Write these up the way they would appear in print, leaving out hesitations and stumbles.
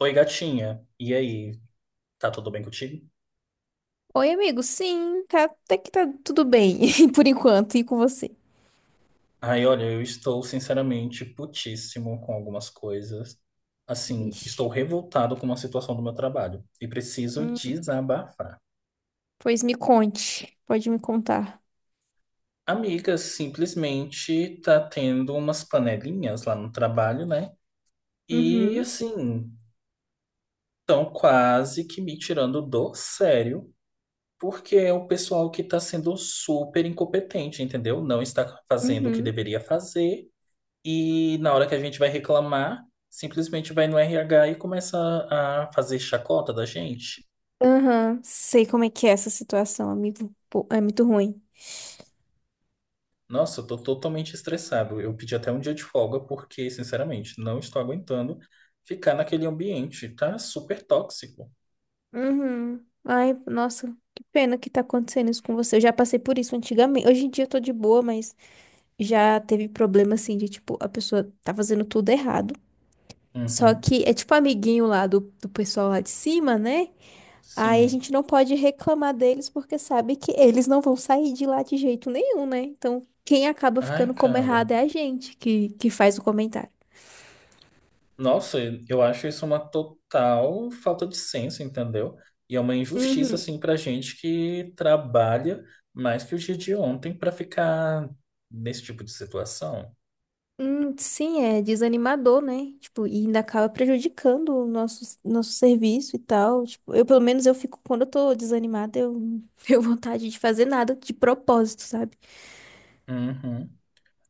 Oi, gatinha. E aí, tá tudo bem contigo? Oi, amigo. Sim, tá, até que tá tudo bem, por enquanto, e com você? Ai, olha, eu estou sinceramente putíssimo com algumas coisas. Assim, estou Vixe. revoltado com uma situação do meu trabalho e preciso Hum, desabafar. Pois me conte, pode me contar. Amiga, simplesmente tá tendo umas panelinhas lá no trabalho, né? E Uhum, assim, estão quase que me tirando do sério, porque é o pessoal que tá sendo super incompetente, entendeu? Não está fazendo o que uhum. deveria fazer. E na hora que a gente vai reclamar, simplesmente vai no RH e começa a fazer chacota da gente. Aham, sei como é que é essa situação, amigo. Pô, é muito ruim. Nossa, eu tô totalmente estressado. Eu pedi até um dia de folga porque, sinceramente, não estou aguentando ficar naquele ambiente. Tá super tóxico. Uhum. Ai, nossa, que pena que tá acontecendo isso com você. Eu já passei por isso antigamente. Hoje em dia eu tô de boa, mas já teve problema assim de tipo, a pessoa tá fazendo tudo errado. Só Uhum. que é tipo amiguinho lá do pessoal lá de cima, né? Aí a Sim. gente não pode reclamar deles porque sabe que eles não vão sair de lá de jeito nenhum, né? Então, quem acaba ficando Ai, como errado cara. é a gente que faz o comentário. Nossa, eu acho isso uma total falta de senso, entendeu? E é uma injustiça, Uhum. assim, pra gente que trabalha mais que o dia de ontem pra ficar nesse tipo de situação. Sim, é desanimador, né? Tipo, e ainda acaba prejudicando o nosso serviço e tal. Tipo, eu, pelo menos, eu fico, quando eu tô desanimada, eu não tenho vontade de fazer nada de propósito, sabe? Uhum.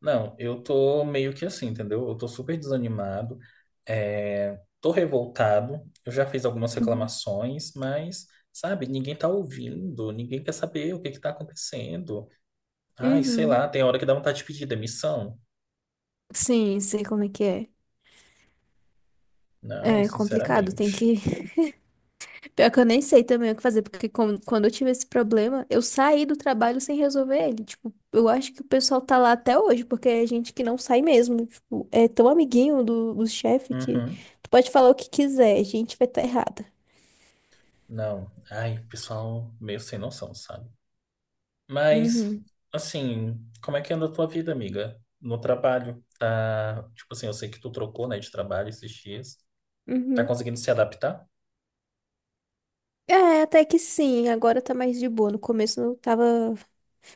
Não, eu tô meio que assim, entendeu? Eu tô super desanimado, é, tô revoltado, eu já fiz algumas Uhum. reclamações, mas, sabe, ninguém tá ouvindo, ninguém quer saber o que que tá acontecendo. Ai, sei Uhum. lá, tem hora que dá vontade de pedir demissão. Sim, sei como é que é. Não, É complicado, tem sinceramente. que pior que eu nem sei também o que fazer, porque quando eu tive esse problema, eu saí do trabalho sem resolver ele. Tipo, eu acho que o pessoal tá lá até hoje, porque é gente que não sai mesmo. Tipo, é tão amiguinho do chefe que Uhum. tu pode falar o que quiser, a gente vai estar tá errada. Não, ai, pessoal meio sem noção, sabe? Mas, Uhum, assim, como é que anda a tua vida, amiga? No trabalho, tá? Tipo assim, eu sei que tu trocou, né, de trabalho esses dias. Tá uhum. conseguindo se adaptar? É, até que sim, agora tá mais de boa. No começo eu tava,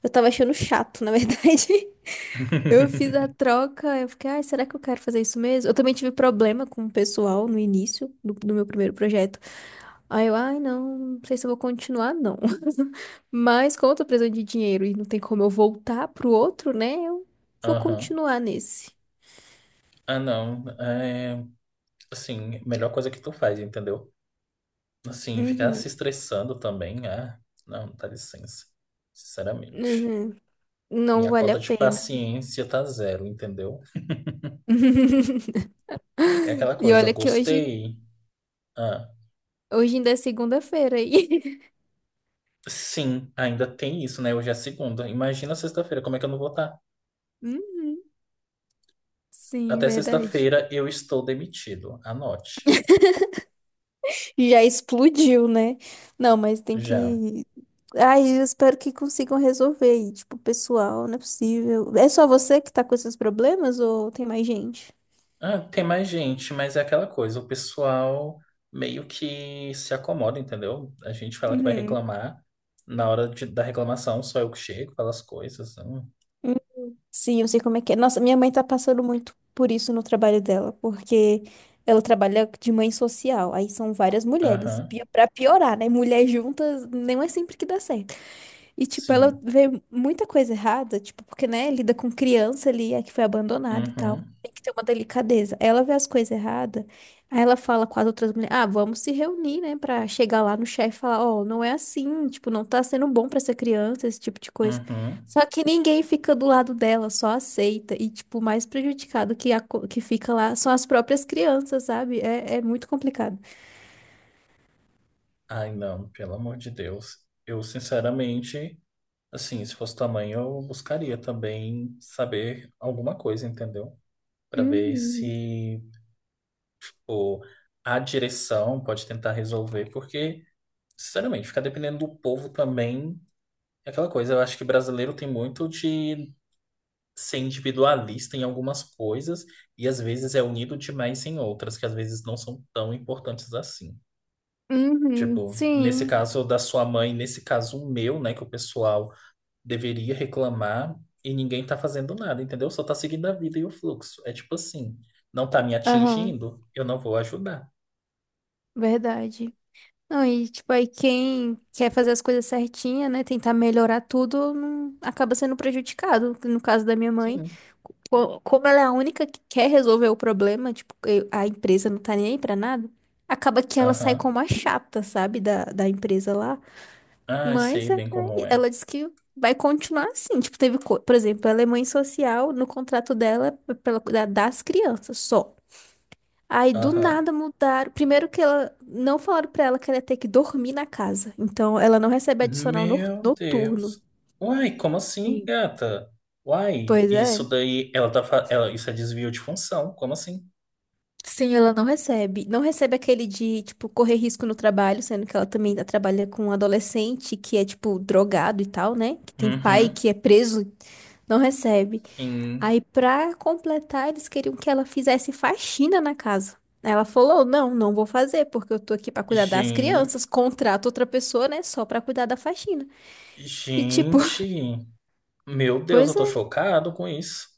eu tava achando chato, na verdade. Eu fiz a troca, eu fiquei, ai, será que eu quero fazer isso mesmo? Eu também tive problema com o pessoal no início do meu primeiro projeto. Aí eu, ai, não, não sei se eu vou continuar, não. Mas como eu tô precisando de dinheiro e não tem como eu voltar pro outro, né? Eu vou Aham. continuar nesse. Ah, não. É, assim, melhor coisa que tu faz, entendeu? Assim, ficar se Uhum, estressando também, ah, não, dá licença. Sinceramente. uhum. Não Minha vale cota a de pena. paciência tá zero, entendeu? É aquela E coisa, olha que hoje, gostei. Ah, hoje ainda é segunda-feira aí. sim, ainda tem isso, né? Hoje é segunda. Imagina sexta-feira, como é que eu não vou estar? Uhum, sim, Até verdade. sexta-feira eu estou demitido. Anote. E já explodiu, né? Não, mas tem Já. que. Ai, eu espero que consigam resolver. E, tipo, pessoal, não é possível. É só você que tá com esses problemas ou tem mais gente? Ah, tem mais gente, mas é aquela coisa, o pessoal meio que se acomoda, entendeu? A gente fala que vai Uhum. reclamar, na hora da reclamação só eu que chego, falo as coisas. Hum, sim, eu sei como é que é. Nossa, minha mãe tá passando muito por isso no trabalho dela, porque ela trabalha de mãe social, aí são várias mulheres. Aham, Pra piorar, né? Mulheres juntas não é sempre que dá certo. E, tipo, ela sim. vê muita coisa errada, tipo, porque, né, lida com criança ali, é que foi abandonada e tal. Uhum, Tem que ter uma delicadeza. Ela vê as coisas erradas, aí ela fala com as outras mulheres, ah, vamos se reunir, né, pra chegar lá no chefe e falar, ó, não é assim, tipo, não tá sendo bom pra essa criança, esse tipo de coisa. uhum. Só que ninguém fica do lado dela, só aceita. E, tipo, o mais prejudicado que fica lá são as próprias crianças, sabe? É muito complicado. Ai, não, pelo amor de Deus. Eu, sinceramente, assim, se fosse tamanho, eu buscaria também saber alguma coisa, entendeu? Pra ver Uhum. se, pô, a direção pode tentar resolver, porque, sinceramente, ficar dependendo do povo também. É aquela coisa, eu acho que brasileiro tem muito de ser individualista em algumas coisas e às vezes é unido demais em outras que às vezes não são tão importantes assim. Uhum. Tipo, nesse Sim. caso da sua mãe, nesse caso o meu, né, que o pessoal deveria reclamar e ninguém tá fazendo nada, entendeu? Só tá seguindo a vida e o fluxo. É tipo assim, não tá me Aham. atingindo, eu não vou ajudar. Verdade. Não, e tipo, aí quem quer fazer as coisas certinha, né? Tentar melhorar tudo, acaba sendo prejudicado. No caso da minha mãe, Sim. Como ela é a única que quer resolver o problema, tipo, a empresa não tá nem aí pra nada, acaba que ela sai Aham. como a chata, sabe, da empresa lá. Ah, Mas sei bem como é. ela disse que vai continuar assim. Tipo, teve, por exemplo, ela é mãe social, no contrato dela, é das crianças só. Aí do Aham. nada mudaram. Primeiro que ela não falaram pra ela que ela ia ter que dormir na casa. Então ela não recebe adicional Meu noturno. Deus. Uai, como assim, Sim. gata? Uai, Pois é. isso daí, ela tá, ela, isso é desvio de função, como assim? Sim, ela não recebe. Não recebe aquele de, tipo, correr risco no trabalho, sendo que ela também trabalha com um adolescente que é, tipo, drogado e tal, né? Que tem pai Uhum, que é preso, não recebe. sim. Aí, pra completar, eles queriam que ela fizesse faxina na casa. Ela falou: não, não vou fazer, porque eu tô aqui pra cuidar das Gen- crianças. Contrato outra pessoa, né? Só pra cuidar da faxina. E tipo, Gente, meu Deus, eu pois tô é. chocado com isso.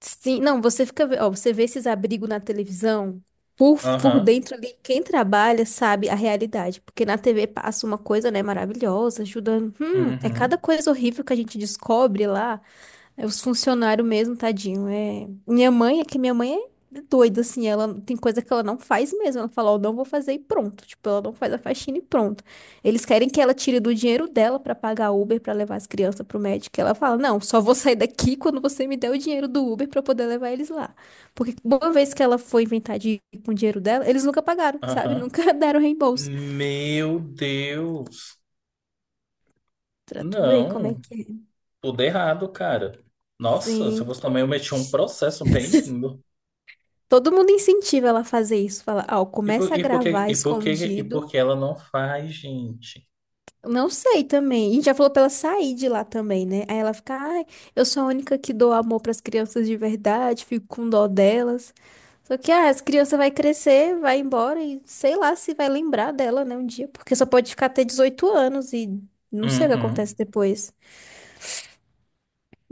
Sim, não, você fica. Ó, você vê esses abrigos na televisão. Por Aham, dentro ali, quem trabalha sabe a realidade. Porque na TV passa uma coisa, né, maravilhosa, ajudando. É cada uhum, coisa horrível que a gente descobre lá. É os funcionários mesmo, tadinho. Minha mãe, é que minha mãe é doida, assim, ela tem coisa que ela não faz mesmo. Ela fala, ó, não vou fazer e pronto. Tipo, ela não faz a faxina e pronto. Eles querem que ela tire do dinheiro dela pra pagar Uber pra levar as crianças pro médico. Ela fala, não, só vou sair daqui quando você me der o dinheiro do Uber pra eu poder levar eles lá. Porque uma vez que ela foi inventar de ir com o dinheiro dela, eles nunca pagaram, sabe? aham. Nunca deram reembolso. Meu Deus. Pra tu ver como é Não, que é. tudo errado, cara. Nossa, se eu Sim. fosse também, eu meti um processo bem lindo. Todo mundo incentiva ela a fazer isso. Fala, ó, E por, começa a e por que, gravar e por que, e por escondido. que ela não faz, gente? Não sei também. E já falou pra ela sair de lá também, né? Aí ela fica, ai, eu sou a única que dou amor pras crianças de verdade, fico com dó delas. Só que, ah, as crianças vai crescer, vai embora e sei lá se vai lembrar dela, né, um dia, porque só pode ficar até 18 anos e não sei o que Uhum, acontece depois.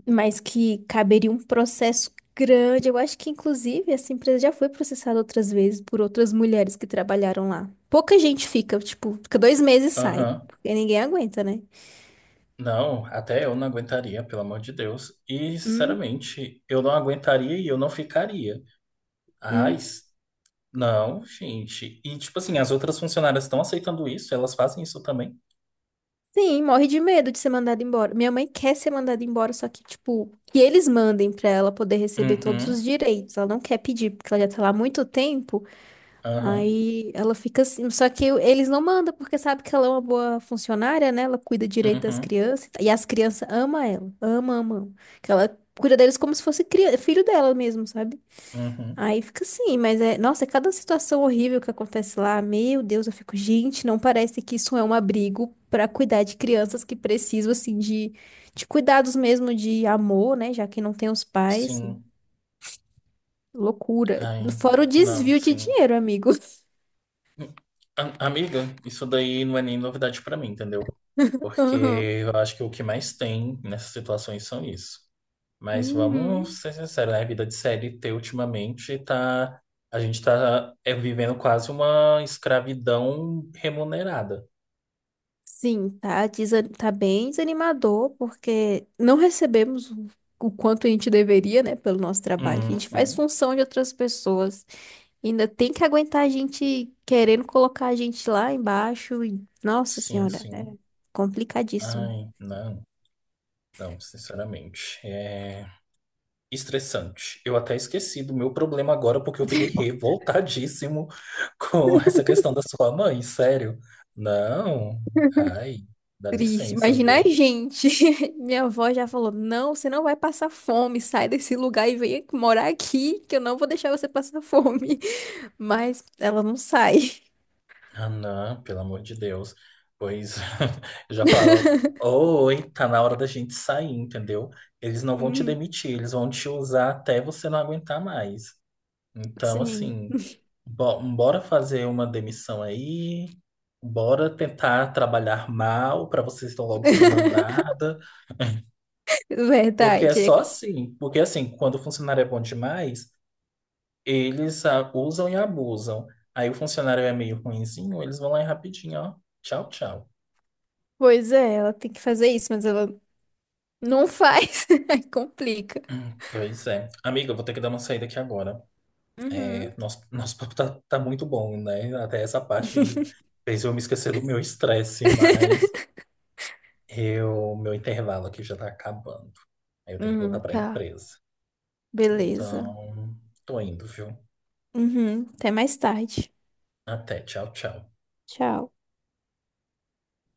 Mas que caberia um processo grande. Eu acho que, inclusive, essa empresa já foi processada outras vezes por outras mulheres que trabalharam lá. Pouca gente fica, tipo, fica 2 meses e sai, aham. porque ninguém aguenta, né? Não, até eu não aguentaria, pelo amor de Deus. E, Hum. sinceramente, eu não aguentaria e eu não ficaria. Ai, Uhum. Não, gente. E, tipo assim, as outras funcionárias estão aceitando isso? Elas fazem isso também? Sim, morre de medo de ser mandada embora. Minha mãe quer ser mandada embora, só que, tipo, que eles mandem pra ela poder receber todos Uhum, os direitos. Ela não quer pedir, porque ela já tá lá há muito tempo. aham, Aí ela fica assim. Só que eles não mandam, porque sabe que ela é uma boa funcionária, né? Ela cuida direito das uhum, crianças. E as crianças amam ela. Ama, ama. Ama. Que ela cuida deles como se fosse filho dela mesmo, sabe? uhum. Aí fica assim, mas é, nossa, é cada situação horrível que acontece lá, meu Deus, eu fico, gente, não parece que isso é um abrigo pra cuidar de crianças que precisam assim de cuidados mesmo de amor, né, já que não tem os pais. Sim. Loucura. Ai, Fora o não, desvio de sim. dinheiro, amigo. Amiga, isso daí não é nem novidade pra mim, entendeu? Porque Aham. eu acho que o que mais tem nessas situações são isso. Mas Uhum. vamos ser sinceros, né? A vida de CLT ultimamente tá. A gente tá é, vivendo quase uma escravidão remunerada. Sim, tá, tá bem desanimador, porque não recebemos o quanto a gente deveria, né, pelo nosso trabalho. A gente faz Uhum. função de outras pessoas. Ainda tem que aguentar a gente querendo colocar a gente lá embaixo. E, Nossa Sim, Senhora, é sim. complicadíssimo. Ai, não, não, sinceramente. É estressante. Eu até esqueci do meu problema agora porque eu fiquei revoltadíssimo com essa questão da sua mãe, sério. Não, ai, dá Triste. licença, Imagina a viu? gente. Minha avó já falou: não, você não vai passar fome. Sai desse lugar e vem morar aqui, que eu não vou deixar você passar fome. Mas ela não sai. Ah, não, pelo amor de Deus. Pois eu já falava, oi, tá na hora da gente sair, entendeu? Eles não vão te Uhum, demitir, eles vão te usar até você não aguentar mais. Então, sim. assim, bora fazer uma demissão aí, bora tentar trabalhar mal para vocês logo ser mandada, porque é só Verdade. assim, porque assim, quando o funcionário é bom demais, eles ah, usam e abusam. Aí o funcionário é meio ruinzinho, eles vão lá e rapidinho, ó, tchau, tchau. Pois é, ela tem que fazer isso, mas ela não faz. Aí complica. Pois é. Amiga, eu vou ter que dar uma saída aqui agora. É, Uhum. Nosso papo tá muito bom, né? Até essa parte aí fez eu me esquecer do meu estresse, mas eu, meu intervalo aqui já tá acabando. Aí eu tenho que voltar Uhum, pra tá. empresa. Beleza. Então, tô indo, viu? Uhum, até mais tarde. Até. Tchau, tchau. Tchau.